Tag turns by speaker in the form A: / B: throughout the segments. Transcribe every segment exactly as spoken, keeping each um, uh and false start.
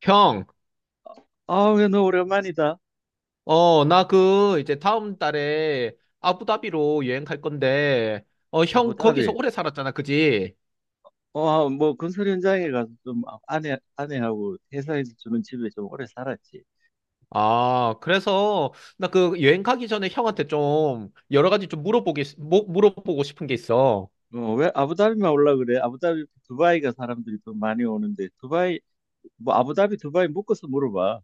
A: 형,
B: 아, 왜 너 오랜만이다.
A: 어, 나 그, 이제 다음 달에 아부다비로 여행 갈 건데, 어, 형 거기서
B: 아부다비.
A: 오래 살았잖아, 그지?
B: 어, 아, 뭐 건설 현장에 가서 좀 아- 아내 아내하고 회사에서 주는 집에 좀 오래 살았지.
A: 아, 그래서 나 그 여행 가기 전에 형한테 좀 여러 가지 좀 물어보기, 뭐- 물어보고 싶은 게 있어.
B: 어, 왜 아부다비만 올라 그래? 아부다비 두바이가 사람들이 좀 많이 오는데, 두바이 뭐 아부다비 두바이 묶어서 물어봐.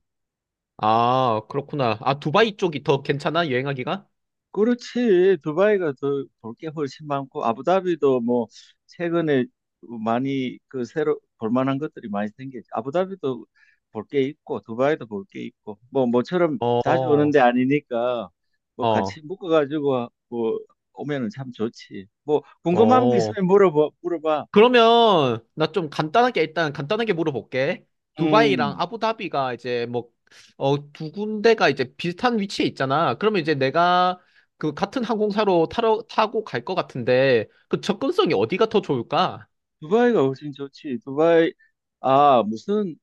A: 아, 그렇구나. 아, 두바이 쪽이 더 괜찮아, 여행하기가?
B: 그렇지. 두바이가 더 볼 게 훨씬 많고 아부다비도 뭐 최근에 많이 그 새로 볼 만한 것들이 많이 생겼지. 아부다비도 볼 게 있고 두바이도 볼 게 있고, 뭐 모처럼 자주 오는
A: 어,
B: 데 아니니까 뭐
A: 어,
B: 같이 묶어 가지고 뭐 오면은 참 좋지. 뭐 궁금한 거
A: 어.
B: 있으면 물어봐. 물어봐.
A: 그러면 나 좀 간단하게 일단 간단하게 물어볼게. 두바이랑
B: 음.
A: 아부다비가 이제 뭐, 어, 두 군데가 이제 비슷한 위치에 있잖아. 그러면 이제 내가 그 같은 항공사로 타러, 타고 갈 것 같은데 그 접근성이 어디가 더 좋을까?
B: 두바이가 훨씬 좋지. 두바이, 아, 무슨,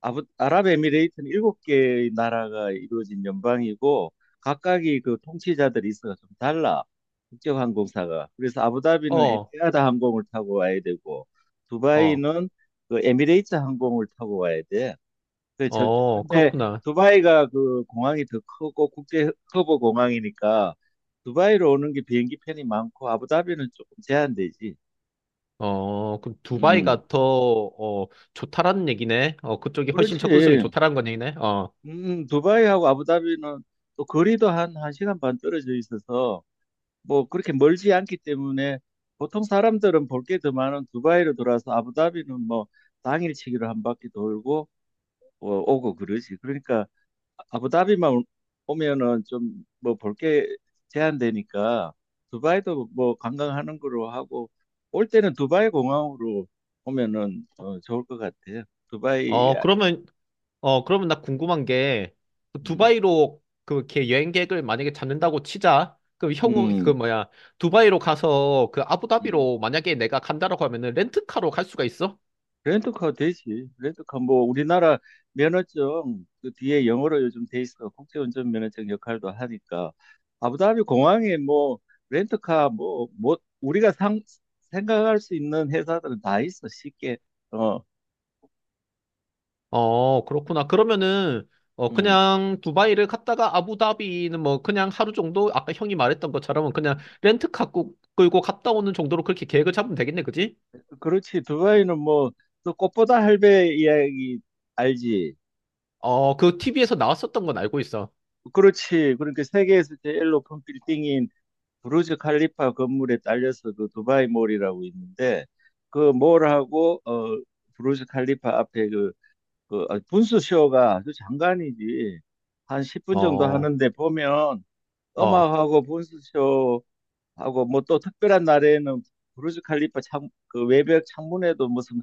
B: 아부, 아랍에미레이트는 일곱 개의 나라가 이루어진 연방이고, 각각이 그 통치자들 이스가 좀 달라. 국제항공사가. 그래서 아부다비는
A: 어,
B: 에티하드 항공을 타고 와야 되고,
A: 어,
B: 두바이는 그 에미레이트 항공을 타고 와야 돼. 그 저,
A: 어,
B: 근데
A: 그렇구나.
B: 두바이가 그 공항이 더 크고 국제 커버 공항이니까 두바이로 오는 게 비행기 편이 많고, 아부다비는 조금 제한되지.
A: 어, 그럼
B: 음.
A: 두바이가 더, 어, 좋다라는 얘기네. 어, 그쪽이 훨씬
B: 그렇지.
A: 접근성이 좋다라는 건 얘기네. 어,
B: 음, 두바이하고 아부다비는 또 거리도 한, 한 시간 반 떨어져 있어서 뭐 그렇게 멀지 않기 때문에 보통 사람들은 볼 게 더 많은 두바이로 돌아서 아부다비는 뭐 당일치기로 한 바퀴 돌고 어, 오고 그러지. 그러니까 아부다비만 오- 오면은 좀 뭐 볼 게 제한되니까 두바이도 뭐 관광하는 거로 하고 올 때는 두바이 공항으로 오면은 어, 좋을 것 같아요. 두바이,
A: 어, 그러면 어, 그러면 나 궁금한 게, 그
B: 음,
A: 두바이로 그걔 여행 계획을 만약에 잡는다고 치자. 그럼 형우, 그
B: 음,
A: 뭐야, 두바이로 가서 그
B: 음.
A: 아부다비로 만약에 내가 간다라고 하면은 렌트카로 갈 수가 있어?
B: 렌터카 되지. 렌터카 뭐 우리나라 면허증 그 뒤에 영어로 요즘 돼 있어. 국제운전 면허증 역할도 하니까 아부다비 공항에 뭐 렌터카 뭐 뭐 우리가 상 생각할 수 있는 회사들은 다 있어. 쉽게. 어,
A: 어, 그렇구나. 그러면은, 어,
B: 음.
A: 그냥 두바이를 갔다가 아부다비는 뭐 그냥 하루 정도? 아까 형이 말했던 것처럼 그냥 렌트카 꾸- 끌고 갔다 오는 정도로 그렇게 계획을 잡으면 되겠네, 그지?
B: 그렇지. 두바이는 뭐 또 꽃보다 할배 이야기 알지?
A: 어, 그 티비 나왔었던 건 알고 있어.
B: 그렇지. 그러니까 세계에서 제일 높은 빌딩인 부르즈 칼리파 건물에 딸려서 그 두바이 몰이라고 있는데, 그 몰하고 어 부르즈 칼리파 앞에 그, 그 아, 분수 쇼가 아주 장관이지. 한 십 분 정도
A: 어,
B: 하는데 보면
A: 어,
B: 음악하고 분수 쇼하고 뭐 또 특별한 날에는 부르즈 칼리파 창, 그 외벽 창문에도 무슨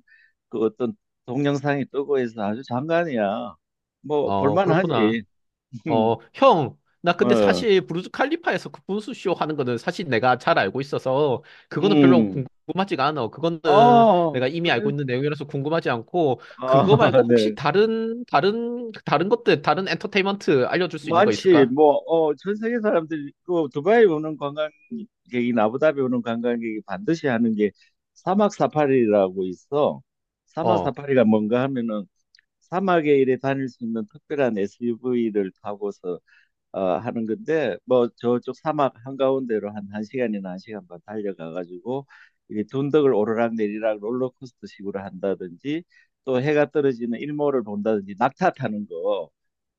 B: 그 어떤 동영상이 뜨고 해서 아주 장관이야. 뭐
A: 어, 그렇구나.
B: 볼만하지.
A: 어, 형, 나 근데
B: 어.
A: 사실 브루즈 칼리파에서 그 분수쇼 하는 거는 사실 내가 잘 알고 있어서 그거는 별로
B: 음.
A: 궁금하지가 않아. 그거는
B: 어.
A: 내가 이미 알고
B: 그래.
A: 있는 내용이라서 궁금하지 않고
B: 아,
A: 그거 말고 혹시
B: 네.
A: 다른 다른 다른 것들 다른 엔터테인먼트 알려줄 수 있는 거
B: 많지.
A: 있을까?
B: 뭐, 어, 전 세계 사람들이, 그, 두바이 오는 관광객이, 아부다비 오는 관광객이 반드시 하는 게 사막 사파리라고 있어. 사막
A: 어,
B: 사파리가 뭔가 하면은 사막에 이래 다닐 수 있는 특별한 에스유브이를 타고서 어, 하는 건데, 뭐, 저쪽 사막 한가운데로 한 1시간이나 한 시간 반 달려가가지고, 이 둔덕을 오르락내리락 롤러코스터 식으로 한다든지, 또 해가 떨어지는 일몰을 본다든지, 낙타 타는 거.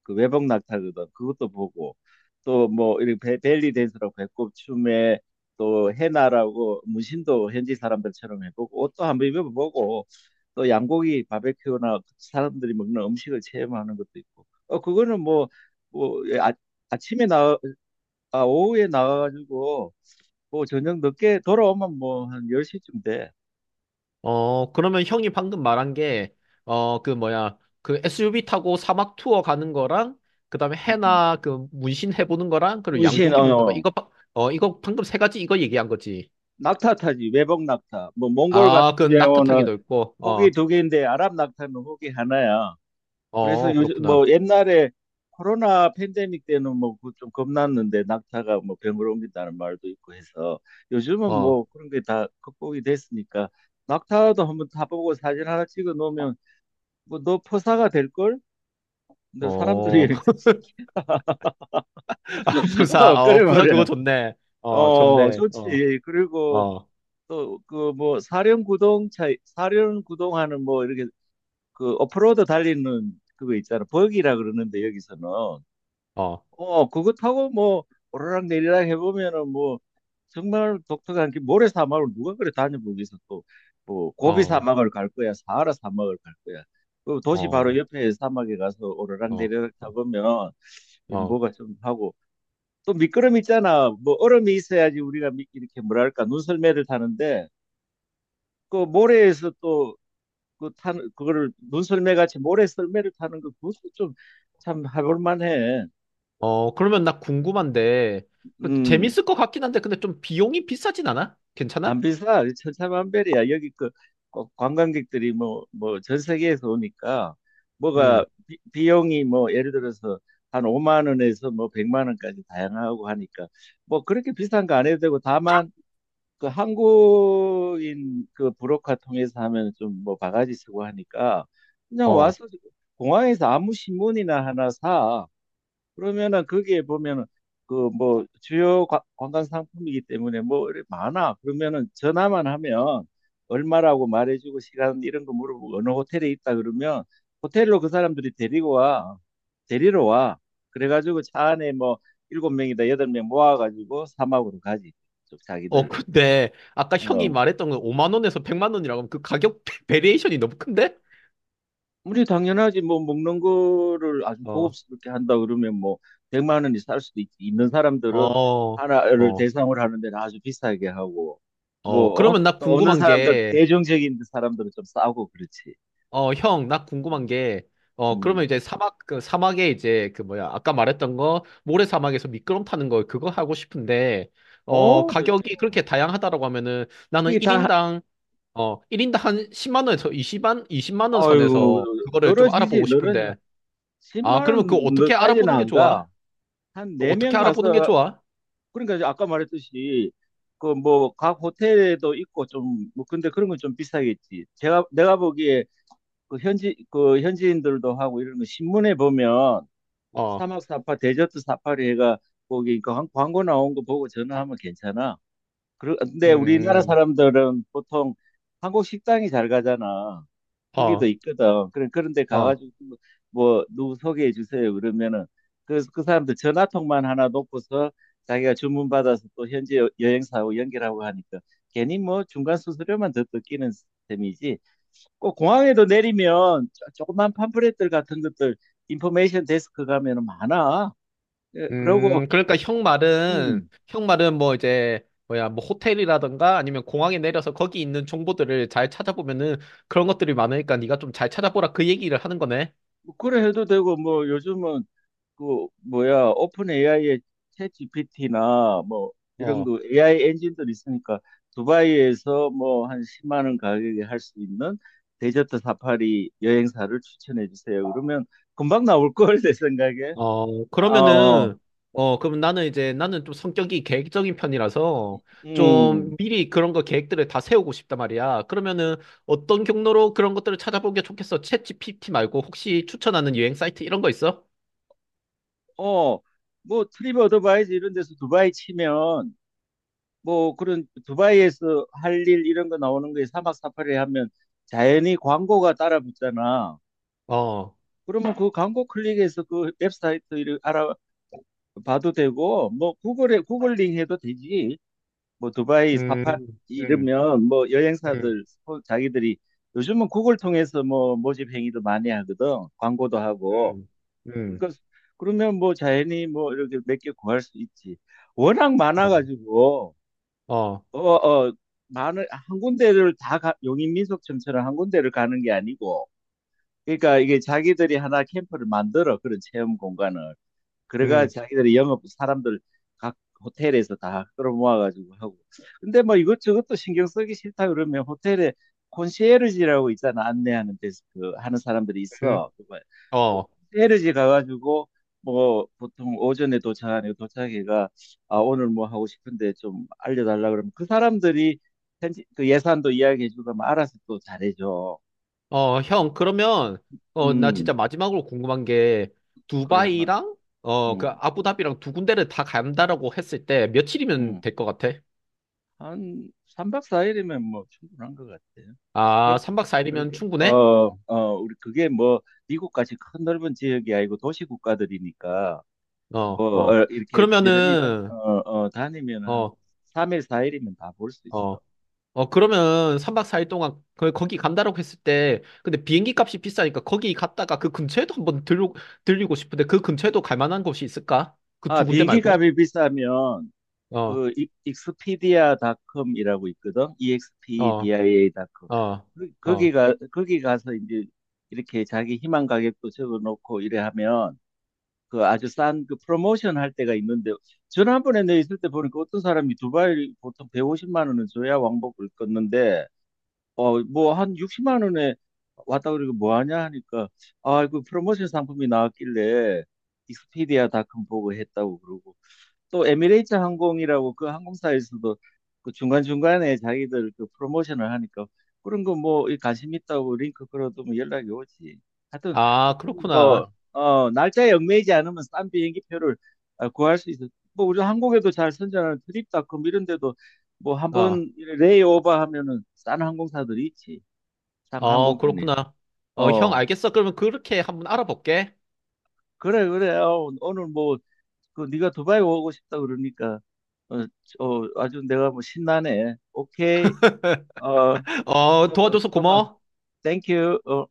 B: 그 외복 낙타거든. 그것도 보고 또 뭐 이렇게 벨리 댄스라고 배꼽 춤에 또 해나라고 문신도 현지 사람들처럼 해보고 옷도 한번 입어보고 또 양고기 바베큐나 사람들이 먹는 음식을 체험하는 것도 있고. 어 그거는 뭐뭐 예, 아, 아침에 나 아, 오후에 나가가지고 뭐 저녁 늦게 돌아오면 뭐 한 열 시쯤 돼.
A: 어, 그러면 형이 방금 말한 게 어, 그 뭐야, 그 에스유브이 타고 사막 투어 가는 거랑 그다음에
B: 음, 음.
A: 해나 그 문신 해보는 거랑 그리고
B: 문신 어,
A: 양고기 먹는 거
B: 어.
A: 이거 바- 어 이거 방금 세 가지 이거 얘기한 거지.
B: 낙타 타지 외복 낙타 뭐 몽골 같은
A: 아, 그 낙타
B: 경우는
A: 타기도 있고,
B: 호기
A: 어,
B: 두 개인데 아랍 낙타는 호기 하나야. 그래서
A: 어,
B: 요즘
A: 그렇구나.
B: 뭐 옛날에 코로나 팬데믹 때는 뭐 그 좀 겁났는데, 낙타가 뭐 병으로 옮긴다는 말도 있고 해서 요즘은
A: 어,
B: 뭐 그런 게 다 극복이 됐으니까 낙타도 한번 타보고 사진 하나 찍어 놓으면 뭐 너 포사가 될 걸? 근데
A: 어,
B: 사람들이
A: 아, 부사,
B: 어, 그래
A: 어, 부사 그거
B: 말이야.
A: 좋네. 어,
B: 어
A: 좋네. 어,
B: 좋지. 그리고
A: 어,
B: 또 그 뭐 사륜구동차 사륜구동하는 뭐 이렇게 그 오프로드 달리는 그거 있잖아. 버기라 그러는데 여기서는
A: 어,
B: 어 그거 타고 뭐 오르락 내리락 해보면은 뭐 정말 독특한 게 모래 사막을 누가 그래 다녀보기서 또뭐
A: 어,
B: 고비
A: 어,
B: 사막을 갈 거야 사하라 사막을 갈 거야. 그 도시 바로
A: 어,
B: 옆에 사막에 가서 오르락
A: 어,
B: 내리락 타보면 이
A: 어,
B: 뭐가 좀 하고 또 미끄럼 있잖아. 뭐 얼음이 있어야지 우리가 미- 이렇게 뭐랄까 눈썰매를 타는데 그 모래에서 또 그 타는 그거를 눈 썰매 같이 모래 썰매를 타는 거, 그것도 좀 참 해볼 만해.
A: 어, 그러면 나 궁금한데, 그
B: 음,
A: 재밌을 것 같긴 한데, 근데 좀 비용이 비싸진 않아? 괜찮아?
B: 안 비싸. 천차만별이야. 여기 그 꼭 관광객들이 뭐 뭐 전 세계에서 오니까 뭐가
A: 음,
B: 비, 비용이 뭐 예를 들어서 한 오만 원에서 뭐 백만 원까지 다양하고 하니까 뭐 그렇게 비싼 거 안 해도 되고, 다만 그 한국인 그 브로커 통해서 하면 좀 뭐 바가지 쓰고 하니까 그냥
A: 어.
B: 와서 공항에서 아무 신문이나 하나 사. 그러면은 거기에 보면은 그 뭐 주요 관- 관광 상품이기 때문에 뭐 이래 많아. 그러면은 전화만 하면 얼마라고 말해주고 시간 이런 거 물어보고 어느 호텔에 있다 그러면 호텔로 그 사람들이 데리고 와. 데리러 와. 그래가지고 차 안에 뭐 일곱 명이다 여덟 명 모아가지고 사막으로 가지. 좀
A: 어,
B: 자기들.
A: 근데, 아까 형이
B: 어.
A: 말했던 건 오만 원에서 백만 원이라고 하면 그 가격 베리에이션이 너무 큰데?
B: 우리 당연하지 뭐 먹는 거를 아주
A: 어,
B: 고급스럽게 한다 그러면 뭐 백만 원이 살 수도 있, 있는 사람들은
A: 어,
B: 하나를
A: 어,
B: 대상으로 하는 데는 아주 비싸게 하고
A: 어.
B: 뭐 어?
A: 그러면 나
B: 또 없는
A: 궁금한
B: 사람들
A: 게,
B: 대중적인 사람들은 좀 싸고 그렇지.
A: 어, 형, 나 궁금한
B: 음.
A: 게, 어, 그러면
B: 음.
A: 이제 사막, 그 사막에 이제 그 뭐야, 아까 말했던 거, 모래 사막에서 미끄럼 타는 거, 그거 하고 싶은데, 어,
B: 어,
A: 가격이
B: 좋죠.
A: 그렇게 다양하다라고 하면은 나는
B: 그게 다
A: 일인당, 어, 일인당 한 십만 원에서 20만, 이십만 원
B: 아이고
A: 선에서 그거를 좀
B: 늘어지지
A: 알아보고
B: 늘어져.
A: 싶은데, 아,
B: 십만
A: 그러면 그거 어떻게
B: 원까지는
A: 알아보는 게
B: 안 가.
A: 좋아?
B: 한
A: 그거
B: 네 명
A: 어떻게 알아보는 게
B: 가서.
A: 좋아?
B: 그러니까 이제 아까 말했듯이 그 뭐 각 호텔에도 있고 좀 뭐, 근데 그런 건 좀 비싸겠지. 제가 내가 보기에 그 현지 그 현지인들도 하고 이런 거 신문에 보면
A: 어,
B: 사막 사파 데저트 사파리 해가 거기 그 광- 광고 나온 거 보고 전화하면 괜찮아. 그런데 우리나라
A: 음,
B: 사람들은 보통 한국 식당이 잘 가잖아. 거기도
A: 어,
B: 있거든. 그래, 그런 그런데
A: 어.
B: 가가지고 뭐 뭐 누구 소개해 주세요. 그러면은 그, 그 사람들 전화통만 하나 놓고서 자기가 주문 받아서 또 현지 여- 여행사하고 연결하고 하니까 괜히 뭐 중간 수수료만 더 뜯기는 셈이지. 꼭 공항에도 내리면 조- 조그만 팜플렛들 같은 것들, 인포메이션 데스크 가면은 많아. 예,
A: 음,
B: 그러고
A: 그러니까 형 말은,
B: 음,
A: 형 말은 뭐 이제, 뭐야, 뭐 호텔이라든가 아니면 공항에 내려서 거기 있는 정보들을 잘 찾아보면은 그런 것들이 많으니까 네가 좀 잘 찾아보라 그 얘기를 하는 거네.
B: 뭐 그래 해도 되고 뭐 요즘은 그 뭐야 오픈 에이아이의 챗 지피티나 뭐 이런
A: 어,
B: 그 에이아이 엔진들이 있으니까 두바이에서 뭐 한 십만 원 가격에 할 수 있는 데저트 사파리 여행사를 추천해 주세요. 그러면 금방 나올 걸 내 생각에.
A: 어,
B: 아, 어,
A: 그러면은, 어, 그럼 나는 이제 나는 좀 성격이 계획적인 편이라서
B: 음,
A: 좀 미리 그런 거 계획들을 다 세우고 싶단 말이야. 그러면은 어떤 경로로 그런 것들을 찾아보는 게 좋겠어? 챗 지피티 말고 혹시 추천하는 여행 사이트 이런 거 있어?
B: 어, 뭐 트립 어드바이즈 이런 데서 두바이 치면 뭐 그런 두바이에서 할 일 이런 거 나오는 거에 사막 사파리 하면 자연히 광고가 따라 붙잖아.
A: 어,
B: 그러면 그 광고 클릭해서 그 웹사이트 를 알아봐도 되고 뭐 구글에 구글링 해도 되지. 뭐 두바이
A: 음,
B: 사파
A: 음,
B: 이러면 뭐
A: 음.
B: 여행사들 소- 자기들이 요즘은 구글 통해서 뭐 모집 행위도 많이 하거든. 광고도 하고
A: 음, 음,
B: 그러니까 그러면 뭐 자연히 뭐 이렇게 몇 개 구할 수 있지. 워낙
A: 어,
B: 많아가지고.
A: 어,
B: 어어 많은 한 군데를 다 가- 용인민속촌처럼 한 군데를 가는 게 아니고 그러니까 이게 자기들이 하나 캠프를 만들어 그런 체험 공간을, 그래가
A: 음,
B: 자기들이 영업 사람들 각 호텔에서 다 끌어모아가지고 하고. 근데 뭐 이것저것도 신경 쓰기 싫다 그러면 호텔에 콘시에르지라고 있잖아. 안내하는 데스크 하는 사람들이
A: 음,
B: 있어. 그뭐
A: 어,
B: 콘시에르지 가가지고 뭐 보통 오전에 도착하니까 도착해가 아 오늘 뭐 하고 싶은데 좀 알려달라 그러면 그 사람들이 현지- 그 예산도 이야기해주고 하면 알아서 또 잘해줘.
A: 어, 형, 그러면, 어, 나
B: 음,
A: 진짜 마지막으로 궁금한 게,
B: 그래, 막.
A: 두바이랑, 어, 그,
B: 음,
A: 아부다비랑 두 군데를 다 간다라고 했을 때, 며칠이면
B: 음.
A: 될 것 같아?
B: 한 삼 박 사 일이면 뭐 충분한 것 같아요.
A: 아,
B: 그게
A: 삼 박 사 일이면
B: 그렇게 어,
A: 충분해?
B: 어, 우리 그게 뭐 미국까지 큰 넓은 지역이 아니고 도시 국가들이니까
A: 어,
B: 뭐
A: 어.
B: 어, 이렇게 부지런히 다, 어,
A: 그러면은,
B: 어, 다니면 한
A: 어,
B: 삼 일 사 일이면 다 볼 수 있어.
A: 어, 어, 그러면 삼 박 사 일 동안, 그, 거기 간다라고 했을 때, 근데 비행기 값이 비싸니까 거기 갔다가 그 근처에도 한번 들르, 들리고 싶은데, 그 근처에도 갈 만한 곳이 있을까? 그
B: 아,
A: 두 군데
B: 비행기
A: 말고?
B: 값이 비싸면
A: 어,
B: 그 이- 익스피디아닷컴이라고 있거든.
A: 어,
B: 이엑스피디에이 닷 컴.
A: 어,
B: 그- 거기
A: 어.
B: 가 거기 가서 이제 이렇게 자기 희망 가격도 적어 놓고 이래 하면 그 아주 싼 그 프로모션 할 때가 있는데 지난번에 내 있을 때 보니까 어떤 사람이 두바이 보통 백오십만 원은 줘야 왕복을 껐는데 어 뭐 한 육십만 원에 왔다 그러고 뭐 하냐 하니까 아 그 프로모션 상품이 나왔길래 익스피디아 닷컴 보고 했다고 그러고, 또 에미레이트 항공이라고 그 항공사에서도 그 중간중간에 자기들 그 프로모션을 하니까 그런 거 뭐 관심 있다고 링크 걸어두면 연락이 오지. 하여튼
A: 아,
B: 조금
A: 그렇구나.
B: 뭐, 어, 날짜에 얽매이지 않으면 싼 비행기표를 아, 구할 수 있어. 뭐 우리 한국에도 잘 선전하는 트립닷컴 이런 데도 뭐
A: 어,
B: 한번 레이오버 하면은 싼 항공사들이 있지. 싼
A: 어,
B: 항공편이.
A: 그렇구나. 어, 형,
B: 어,
A: 알겠어. 그러면 그렇게 한번 알아볼게.
B: 그래, 그래. 어, 오늘 뭐 그 네가 두바이 오고 싶다 그러니까 어, 어 아주 내가 뭐 신나네. 오케이. 어,
A: 어,
B: 또 봐,
A: 도와줘서
B: 또
A: 고마워.
B: 봐.
A: 어.
B: 땡큐. 어.